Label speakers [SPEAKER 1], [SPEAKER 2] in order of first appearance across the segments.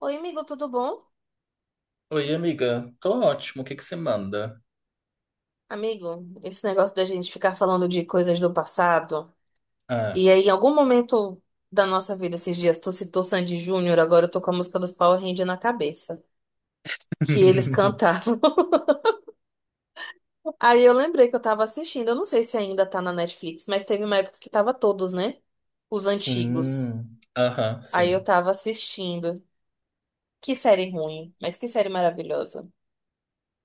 [SPEAKER 1] Oi, amigo, tudo bom?
[SPEAKER 2] Oi, amiga. Tô ótimo. O que que você manda?
[SPEAKER 1] Amigo, esse negócio da gente ficar falando de coisas do passado,
[SPEAKER 2] Ah,
[SPEAKER 1] e aí em algum momento da nossa vida esses dias, tu citou Sandy Júnior, agora eu tô com a música dos Power Rangers na cabeça, que eles cantavam. Aí eu lembrei que eu tava assistindo, eu não sei se ainda tá na Netflix, mas teve uma época que tava todos, né? Os antigos.
[SPEAKER 2] sim. Aham,
[SPEAKER 1] Aí eu
[SPEAKER 2] sim.
[SPEAKER 1] tava assistindo. Que série ruim, mas que série maravilhosa.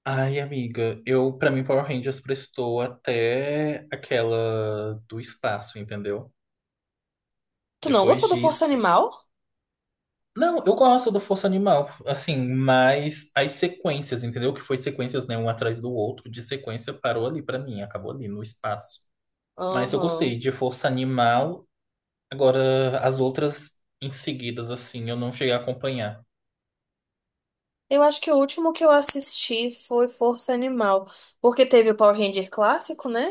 [SPEAKER 2] Ai, amiga, eu, pra mim, Power Rangers prestou até aquela do espaço, entendeu?
[SPEAKER 1] Tu não
[SPEAKER 2] Depois
[SPEAKER 1] gostou do Força
[SPEAKER 2] disso.
[SPEAKER 1] Animal?
[SPEAKER 2] Não, eu gosto do Força Animal, assim, mas as sequências, entendeu? Que foi sequências, né, um atrás do outro, de sequência parou ali pra mim, acabou ali no espaço. Mas eu gostei
[SPEAKER 1] Aham.
[SPEAKER 2] de Força Animal. Agora, as outras em seguidas, assim, eu não cheguei a acompanhar.
[SPEAKER 1] Eu acho que o último que eu assisti foi Força Animal, porque teve o Power Ranger clássico, né?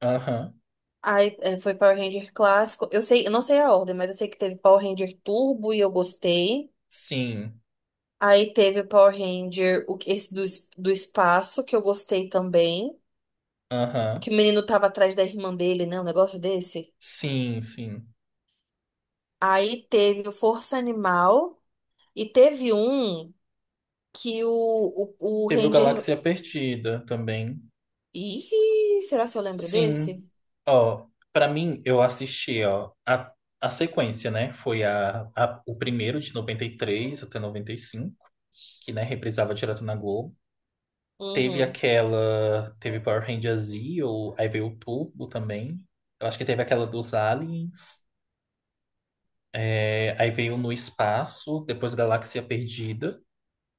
[SPEAKER 2] Aham.
[SPEAKER 1] Aí é, foi Power Ranger clássico. Eu sei, eu não sei a ordem, mas eu sei que teve Power Ranger Turbo e eu gostei.
[SPEAKER 2] Sim.
[SPEAKER 1] Aí teve o Power Ranger, o, esse do, do espaço, que eu gostei também.
[SPEAKER 2] Aham.
[SPEAKER 1] Que o menino tava atrás da irmã dele, né? Um negócio desse.
[SPEAKER 2] Sim, sim.
[SPEAKER 1] Aí teve o Força Animal. E teve um que o
[SPEAKER 2] Teve o
[SPEAKER 1] Ranger.
[SPEAKER 2] Galáxia Perdida também.
[SPEAKER 1] Ih, será que eu lembro desse?
[SPEAKER 2] Sim. Ó, pra mim, eu assisti, ó, a sequência, né? Foi o primeiro de 93 até 95 que, né, reprisava direto na Globo. Teve
[SPEAKER 1] Uhum.
[SPEAKER 2] aquela, teve Power Rangers Zeo, aí veio o Turbo também. Eu acho que teve aquela dos Aliens. É, aí veio No Espaço, depois Galáxia Perdida.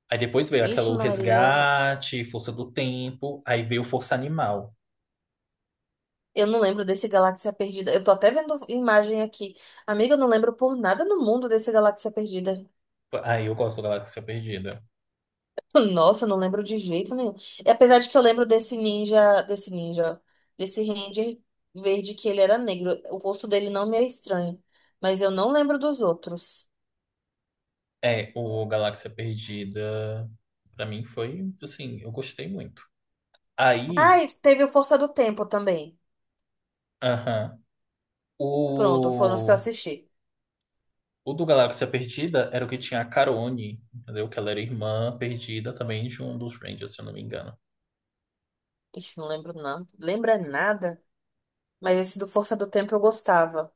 [SPEAKER 2] Aí depois veio aquela
[SPEAKER 1] Ixi,
[SPEAKER 2] O
[SPEAKER 1] Maria.
[SPEAKER 2] Resgate, Força do Tempo, aí veio Força Animal.
[SPEAKER 1] Eu não lembro desse Galáxia Perdida. Eu tô até vendo imagem aqui. Amiga, eu não lembro por nada no mundo desse Galáxia Perdida.
[SPEAKER 2] Aí eu gosto do Galáxia Perdida.
[SPEAKER 1] Nossa, eu não lembro de jeito nenhum. E apesar de que eu lembro desse ninja, ó, desse Ranger verde que ele era negro. O rosto dele não me é estranho, mas eu não lembro dos outros.
[SPEAKER 2] É, o Galáxia Perdida, pra mim foi, assim, eu gostei muito.
[SPEAKER 1] Ah,
[SPEAKER 2] Aí,
[SPEAKER 1] e teve o Força do Tempo também.
[SPEAKER 2] aham,
[SPEAKER 1] Pronto, foram os que eu
[SPEAKER 2] o,
[SPEAKER 1] assisti.
[SPEAKER 2] o do Galáxia Perdida era o que tinha a Carone, entendeu? Que ela era irmã perdida também de um dos Rangers, se eu não me engano.
[SPEAKER 1] Ixi, não lembro não. Lembra nada? Mas esse do Força do Tempo eu gostava.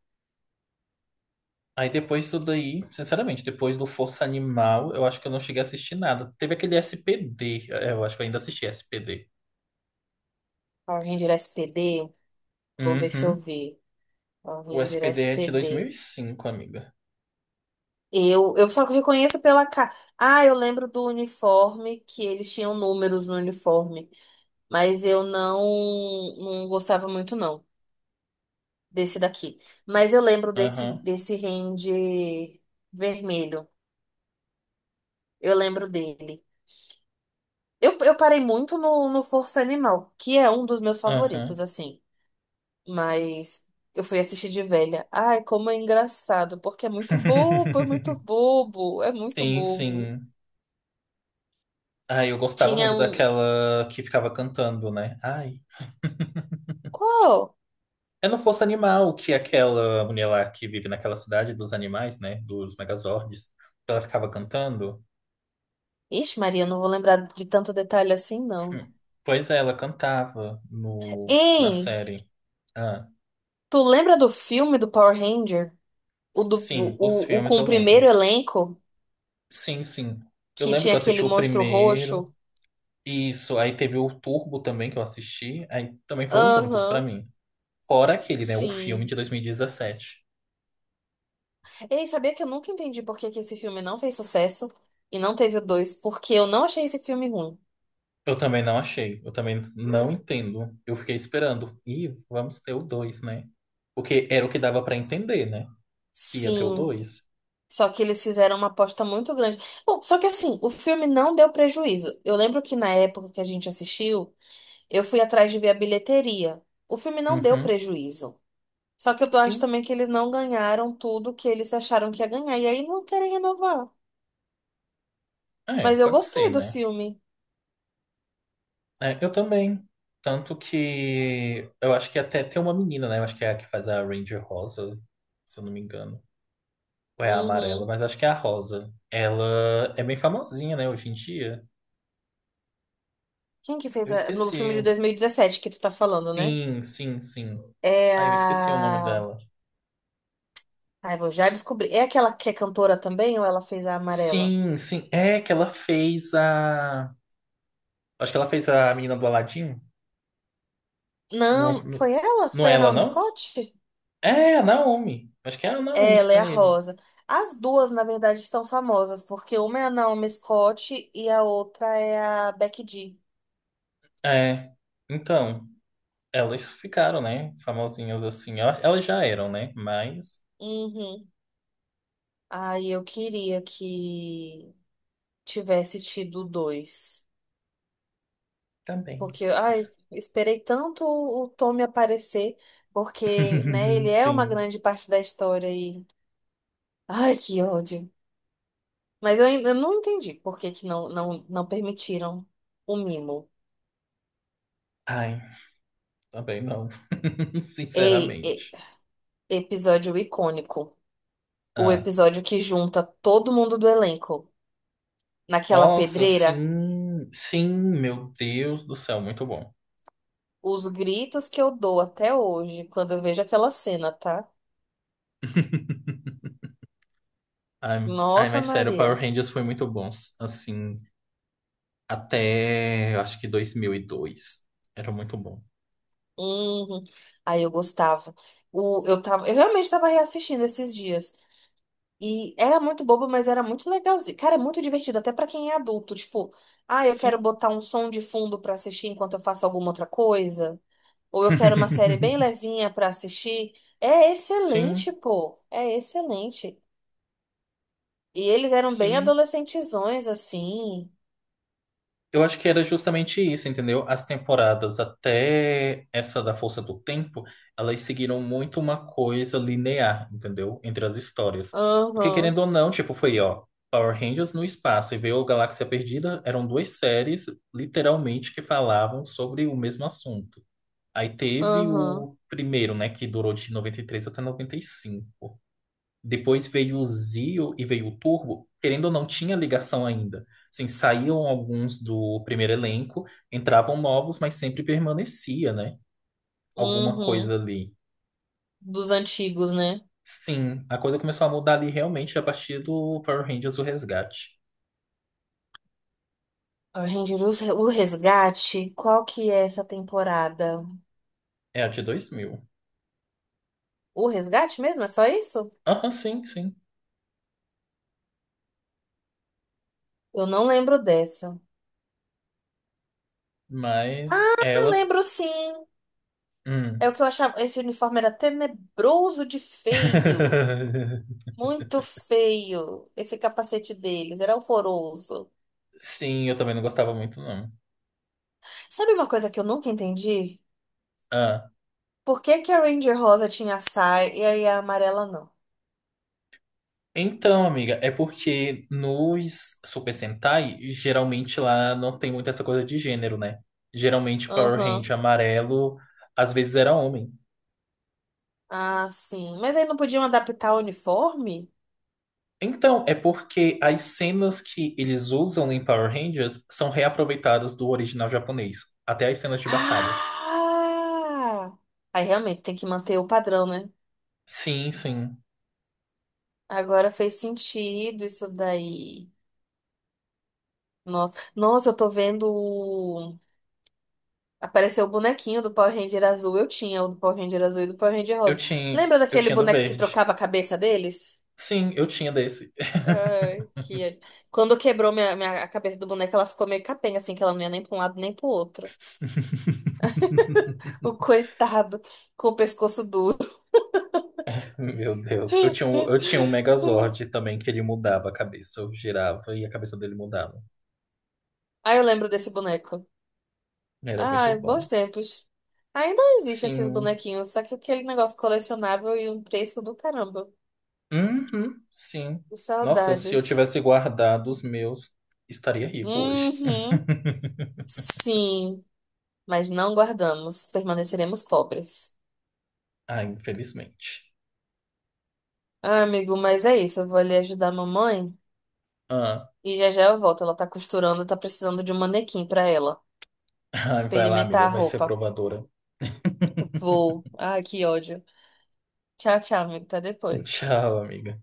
[SPEAKER 2] Aí depois disso daí, sinceramente, depois do Força Animal, eu acho que eu não cheguei a assistir nada. Teve aquele SPD, eu acho que eu ainda assisti SPD.
[SPEAKER 1] Ah, o Ranger SPD, vou ver se eu
[SPEAKER 2] Uhum.
[SPEAKER 1] vi.
[SPEAKER 2] O
[SPEAKER 1] Ranger
[SPEAKER 2] SPD é de dois mil e
[SPEAKER 1] SPD.
[SPEAKER 2] cinco, amiga.
[SPEAKER 1] Eu só reconheço pela cara. Ah, eu lembro do uniforme, que eles tinham números no uniforme. Mas eu não, não gostava muito, não, desse daqui. Mas eu lembro desse,
[SPEAKER 2] Aham,
[SPEAKER 1] desse Ranger vermelho. Eu lembro dele. Eu parei muito no, no Força Animal, que é um dos meus favoritos,
[SPEAKER 2] aham.
[SPEAKER 1] assim. Mas eu fui assistir de velha. Ai, como é engraçado, porque é muito bobo, é muito bobo, é muito
[SPEAKER 2] Sim,
[SPEAKER 1] bobo.
[SPEAKER 2] sim. Ai, eu gostava
[SPEAKER 1] Tinha
[SPEAKER 2] muito
[SPEAKER 1] um.
[SPEAKER 2] daquela que ficava cantando, né? Ai.
[SPEAKER 1] Qual?
[SPEAKER 2] Eu não fosse animal, que é aquela mulher lá que vive naquela cidade dos animais, né? Dos Megazords. Ela ficava cantando.
[SPEAKER 1] Ixi, Maria, não vou lembrar de tanto detalhe assim, não.
[SPEAKER 2] Hum. Pois é, ela cantava no, na
[SPEAKER 1] Hein?
[SPEAKER 2] série. Ah,
[SPEAKER 1] Tu lembra do filme do Power Ranger?
[SPEAKER 2] sim, os
[SPEAKER 1] O
[SPEAKER 2] filmes
[SPEAKER 1] com o
[SPEAKER 2] eu
[SPEAKER 1] primeiro
[SPEAKER 2] lembro.
[SPEAKER 1] elenco?
[SPEAKER 2] Sim, sim. Eu
[SPEAKER 1] Que
[SPEAKER 2] lembro
[SPEAKER 1] tinha
[SPEAKER 2] que eu assisti
[SPEAKER 1] aquele
[SPEAKER 2] o
[SPEAKER 1] monstro
[SPEAKER 2] primeiro.
[SPEAKER 1] roxo?
[SPEAKER 2] Isso, aí teve o Turbo também que eu assisti, aí também foram os únicos pra
[SPEAKER 1] Aham,
[SPEAKER 2] mim. Fora aquele, né, o filme de
[SPEAKER 1] sim.
[SPEAKER 2] 2017.
[SPEAKER 1] Ei, sabia que eu nunca entendi por que que esse filme não fez sucesso e não teve o dois? Porque eu não achei esse filme ruim.
[SPEAKER 2] Eu também não achei, eu também não entendo. Eu fiquei esperando, e vamos ter o 2, né? Porque era o que dava pra entender, né? Que ia ter o
[SPEAKER 1] Sim.
[SPEAKER 2] 2.
[SPEAKER 1] Só que eles fizeram uma aposta muito grande. Bom, só que assim, o filme não deu prejuízo. Eu lembro que na época que a gente assistiu. Eu fui atrás de ver a bilheteria. O filme não deu
[SPEAKER 2] Uhum.
[SPEAKER 1] prejuízo. Só que eu tô- Acho
[SPEAKER 2] Sim,
[SPEAKER 1] também que eles não ganharam tudo que eles acharam que ia ganhar. E aí não querem renovar.
[SPEAKER 2] é,
[SPEAKER 1] Mas eu
[SPEAKER 2] pode ser,
[SPEAKER 1] gostei do
[SPEAKER 2] né?
[SPEAKER 1] filme.
[SPEAKER 2] É, eu também. Tanto que eu acho que até tem uma menina, né? Eu acho que é a que faz a Ranger Rosa, se eu não me engano. Ou é a amarela,
[SPEAKER 1] Uhum.
[SPEAKER 2] mas acho que é a rosa. Ela é bem famosinha, né, hoje em dia.
[SPEAKER 1] Quem que
[SPEAKER 2] Eu
[SPEAKER 1] fez a... no filme
[SPEAKER 2] esqueci.
[SPEAKER 1] de 2017 que tu tá falando, né?
[SPEAKER 2] Sim, sim, sim.
[SPEAKER 1] É
[SPEAKER 2] Ah, eu esqueci o nome
[SPEAKER 1] a.
[SPEAKER 2] dela.
[SPEAKER 1] Ai, vou já descobrir. É aquela que é cantora também ou ela fez a amarela?
[SPEAKER 2] Sim, sim. É que ela fez a. Acho que ela fez a menina do Aladim. Não,
[SPEAKER 1] Não,
[SPEAKER 2] não,
[SPEAKER 1] foi ela?
[SPEAKER 2] não
[SPEAKER 1] Foi
[SPEAKER 2] é
[SPEAKER 1] a
[SPEAKER 2] ela,
[SPEAKER 1] Naomi
[SPEAKER 2] não?
[SPEAKER 1] Scott?
[SPEAKER 2] É, a Naomi. Acho que é a Naomi que
[SPEAKER 1] Ela
[SPEAKER 2] tá
[SPEAKER 1] é a
[SPEAKER 2] nele.
[SPEAKER 1] Rosa. As duas, na verdade, são famosas, porque uma é a Naomi Scott e a outra é a Becky G.
[SPEAKER 2] É. Então, elas ficaram, né? Famosinhas assim. Elas já eram, né? Mas
[SPEAKER 1] Uhum. Ai, eu queria que tivesse tido dois.
[SPEAKER 2] também.
[SPEAKER 1] Porque, ai, esperei tanto o Tommy aparecer, porque, né, ele é uma
[SPEAKER 2] Sim.
[SPEAKER 1] grande parte da história e. Ai, que ódio. Mas eu ainda não entendi por que que não permitiram o mimo.
[SPEAKER 2] Ai. Também não,
[SPEAKER 1] Ei, e-
[SPEAKER 2] sinceramente.
[SPEAKER 1] Episódio icônico. O
[SPEAKER 2] Ah,
[SPEAKER 1] episódio que junta todo mundo do elenco naquela
[SPEAKER 2] nossa,
[SPEAKER 1] pedreira.
[SPEAKER 2] sim, sim, meu Deus do céu, muito bom.
[SPEAKER 1] Os gritos que eu dou até hoje quando eu vejo aquela cena, tá?
[SPEAKER 2] Ai, ai,
[SPEAKER 1] Nossa,
[SPEAKER 2] mas sério, Power
[SPEAKER 1] Maria.
[SPEAKER 2] Rangers foi muito bom, assim, até eu acho que 2002 era muito bom.
[SPEAKER 1] Uhum. Aí eu gostava. Eu realmente tava reassistindo esses dias. E era muito bobo, mas era muito legalzinho. Cara, é muito divertido, até pra quem é adulto. Tipo, ah, eu quero
[SPEAKER 2] Sim,
[SPEAKER 1] botar um som de fundo pra assistir enquanto eu faço alguma outra coisa. Ou eu quero uma série bem levinha pra assistir. É
[SPEAKER 2] sim,
[SPEAKER 1] excelente, pô. É excelente. E eles eram bem
[SPEAKER 2] sim.
[SPEAKER 1] adolescentezões, assim.
[SPEAKER 2] Eu acho que era justamente isso, entendeu? As temporadas até essa da Força do Tempo, elas seguiram muito uma coisa linear, entendeu? Entre as histórias. Porque
[SPEAKER 1] Aham,
[SPEAKER 2] querendo ou não, tipo, foi, ó, Power Rangers no espaço e veio Galáxia Perdida, eram duas séries, literalmente, que falavam sobre o mesmo assunto. Aí teve
[SPEAKER 1] aham,
[SPEAKER 2] o primeiro, né, que durou de 93 até 95. Depois veio o Zio e veio o Turbo, querendo ou não, tinha ligação ainda. Assim, saíam alguns do primeiro elenco, entravam novos, mas sempre permanecia, né? Alguma coisa
[SPEAKER 1] uhum,
[SPEAKER 2] ali.
[SPEAKER 1] dos antigos, né?
[SPEAKER 2] Sim, a coisa começou a mudar ali realmente a partir do Power Rangers O Resgate.
[SPEAKER 1] Ranger, o resgate, qual que é essa temporada?
[SPEAKER 2] É, a de 2000.
[SPEAKER 1] O resgate mesmo? É só isso?
[SPEAKER 2] Aham, sim, sim.
[SPEAKER 1] Eu não lembro dessa.
[SPEAKER 2] Mas
[SPEAKER 1] Ah,
[SPEAKER 2] ela.
[SPEAKER 1] lembro sim. É o
[SPEAKER 2] Hum.
[SPEAKER 1] que eu achava. Esse uniforme era tenebroso de feio. Muito feio. Esse capacete deles era horroroso.
[SPEAKER 2] Sim, eu também não gostava muito, não.
[SPEAKER 1] Sabe uma coisa que eu nunca entendi?
[SPEAKER 2] Ah,
[SPEAKER 1] Por que que a Ranger Rosa tinha a saia e aí a amarela não?
[SPEAKER 2] então, amiga, é porque nos Super Sentai, geralmente lá não tem muito essa coisa de gênero, né? Geralmente Power Ranger
[SPEAKER 1] Aham.
[SPEAKER 2] amarelo às vezes era homem.
[SPEAKER 1] Ah, sim. Mas aí não podiam adaptar o uniforme?
[SPEAKER 2] Então, é porque as cenas que eles usam em Power Rangers são reaproveitadas do original japonês, até as cenas de batalha.
[SPEAKER 1] Ah! Aí realmente tem que manter o padrão, né?
[SPEAKER 2] Sim, sim.
[SPEAKER 1] Agora fez sentido isso daí. Nossa, nossa, eu tô vendo. O- Apareceu o bonequinho do Power Ranger azul. Eu tinha o do Power Ranger azul e do Power Ranger
[SPEAKER 2] Eu
[SPEAKER 1] rosa.
[SPEAKER 2] tinha,
[SPEAKER 1] Lembra
[SPEAKER 2] eu
[SPEAKER 1] daquele
[SPEAKER 2] tinha do
[SPEAKER 1] boneco que
[SPEAKER 2] verde.
[SPEAKER 1] trocava a cabeça deles?
[SPEAKER 2] Sim, eu tinha desse.
[SPEAKER 1] Ai, que... Quando quebrou a cabeça do boneco, ela ficou meio capenga, assim, que ela não ia nem pra um lado nem pro outro. O coitado com o pescoço duro.
[SPEAKER 2] Meu Deus. Eu tinha um Megazord também que ele mudava a cabeça. Eu girava e a cabeça dele mudava.
[SPEAKER 1] Aí eu lembro desse boneco.
[SPEAKER 2] Era muito
[SPEAKER 1] Ai, bons
[SPEAKER 2] bom.
[SPEAKER 1] tempos. Ainda existe esses
[SPEAKER 2] Sim.
[SPEAKER 1] bonequinhos, só que aquele negócio colecionável e um preço do caramba.
[SPEAKER 2] Uhum, sim. Nossa, se eu
[SPEAKER 1] Saudades.
[SPEAKER 2] tivesse guardado os meus, estaria rico hoje.
[SPEAKER 1] Uhum. Sim, mas não guardamos, permaneceremos pobres.
[SPEAKER 2] Ah, infelizmente.
[SPEAKER 1] Ah, amigo, mas é isso. Eu vou ali ajudar a mamãe
[SPEAKER 2] Ah,
[SPEAKER 1] e já já eu volto. Ela tá costurando, tá precisando de um manequim pra ela
[SPEAKER 2] ai, vai lá,
[SPEAKER 1] experimentar
[SPEAKER 2] amiga.
[SPEAKER 1] a
[SPEAKER 2] Vai ser
[SPEAKER 1] roupa.
[SPEAKER 2] provadora.
[SPEAKER 1] Vou. Ai, que ódio. Tchau, tchau, amigo. Até depois.
[SPEAKER 2] Tchau, amiga.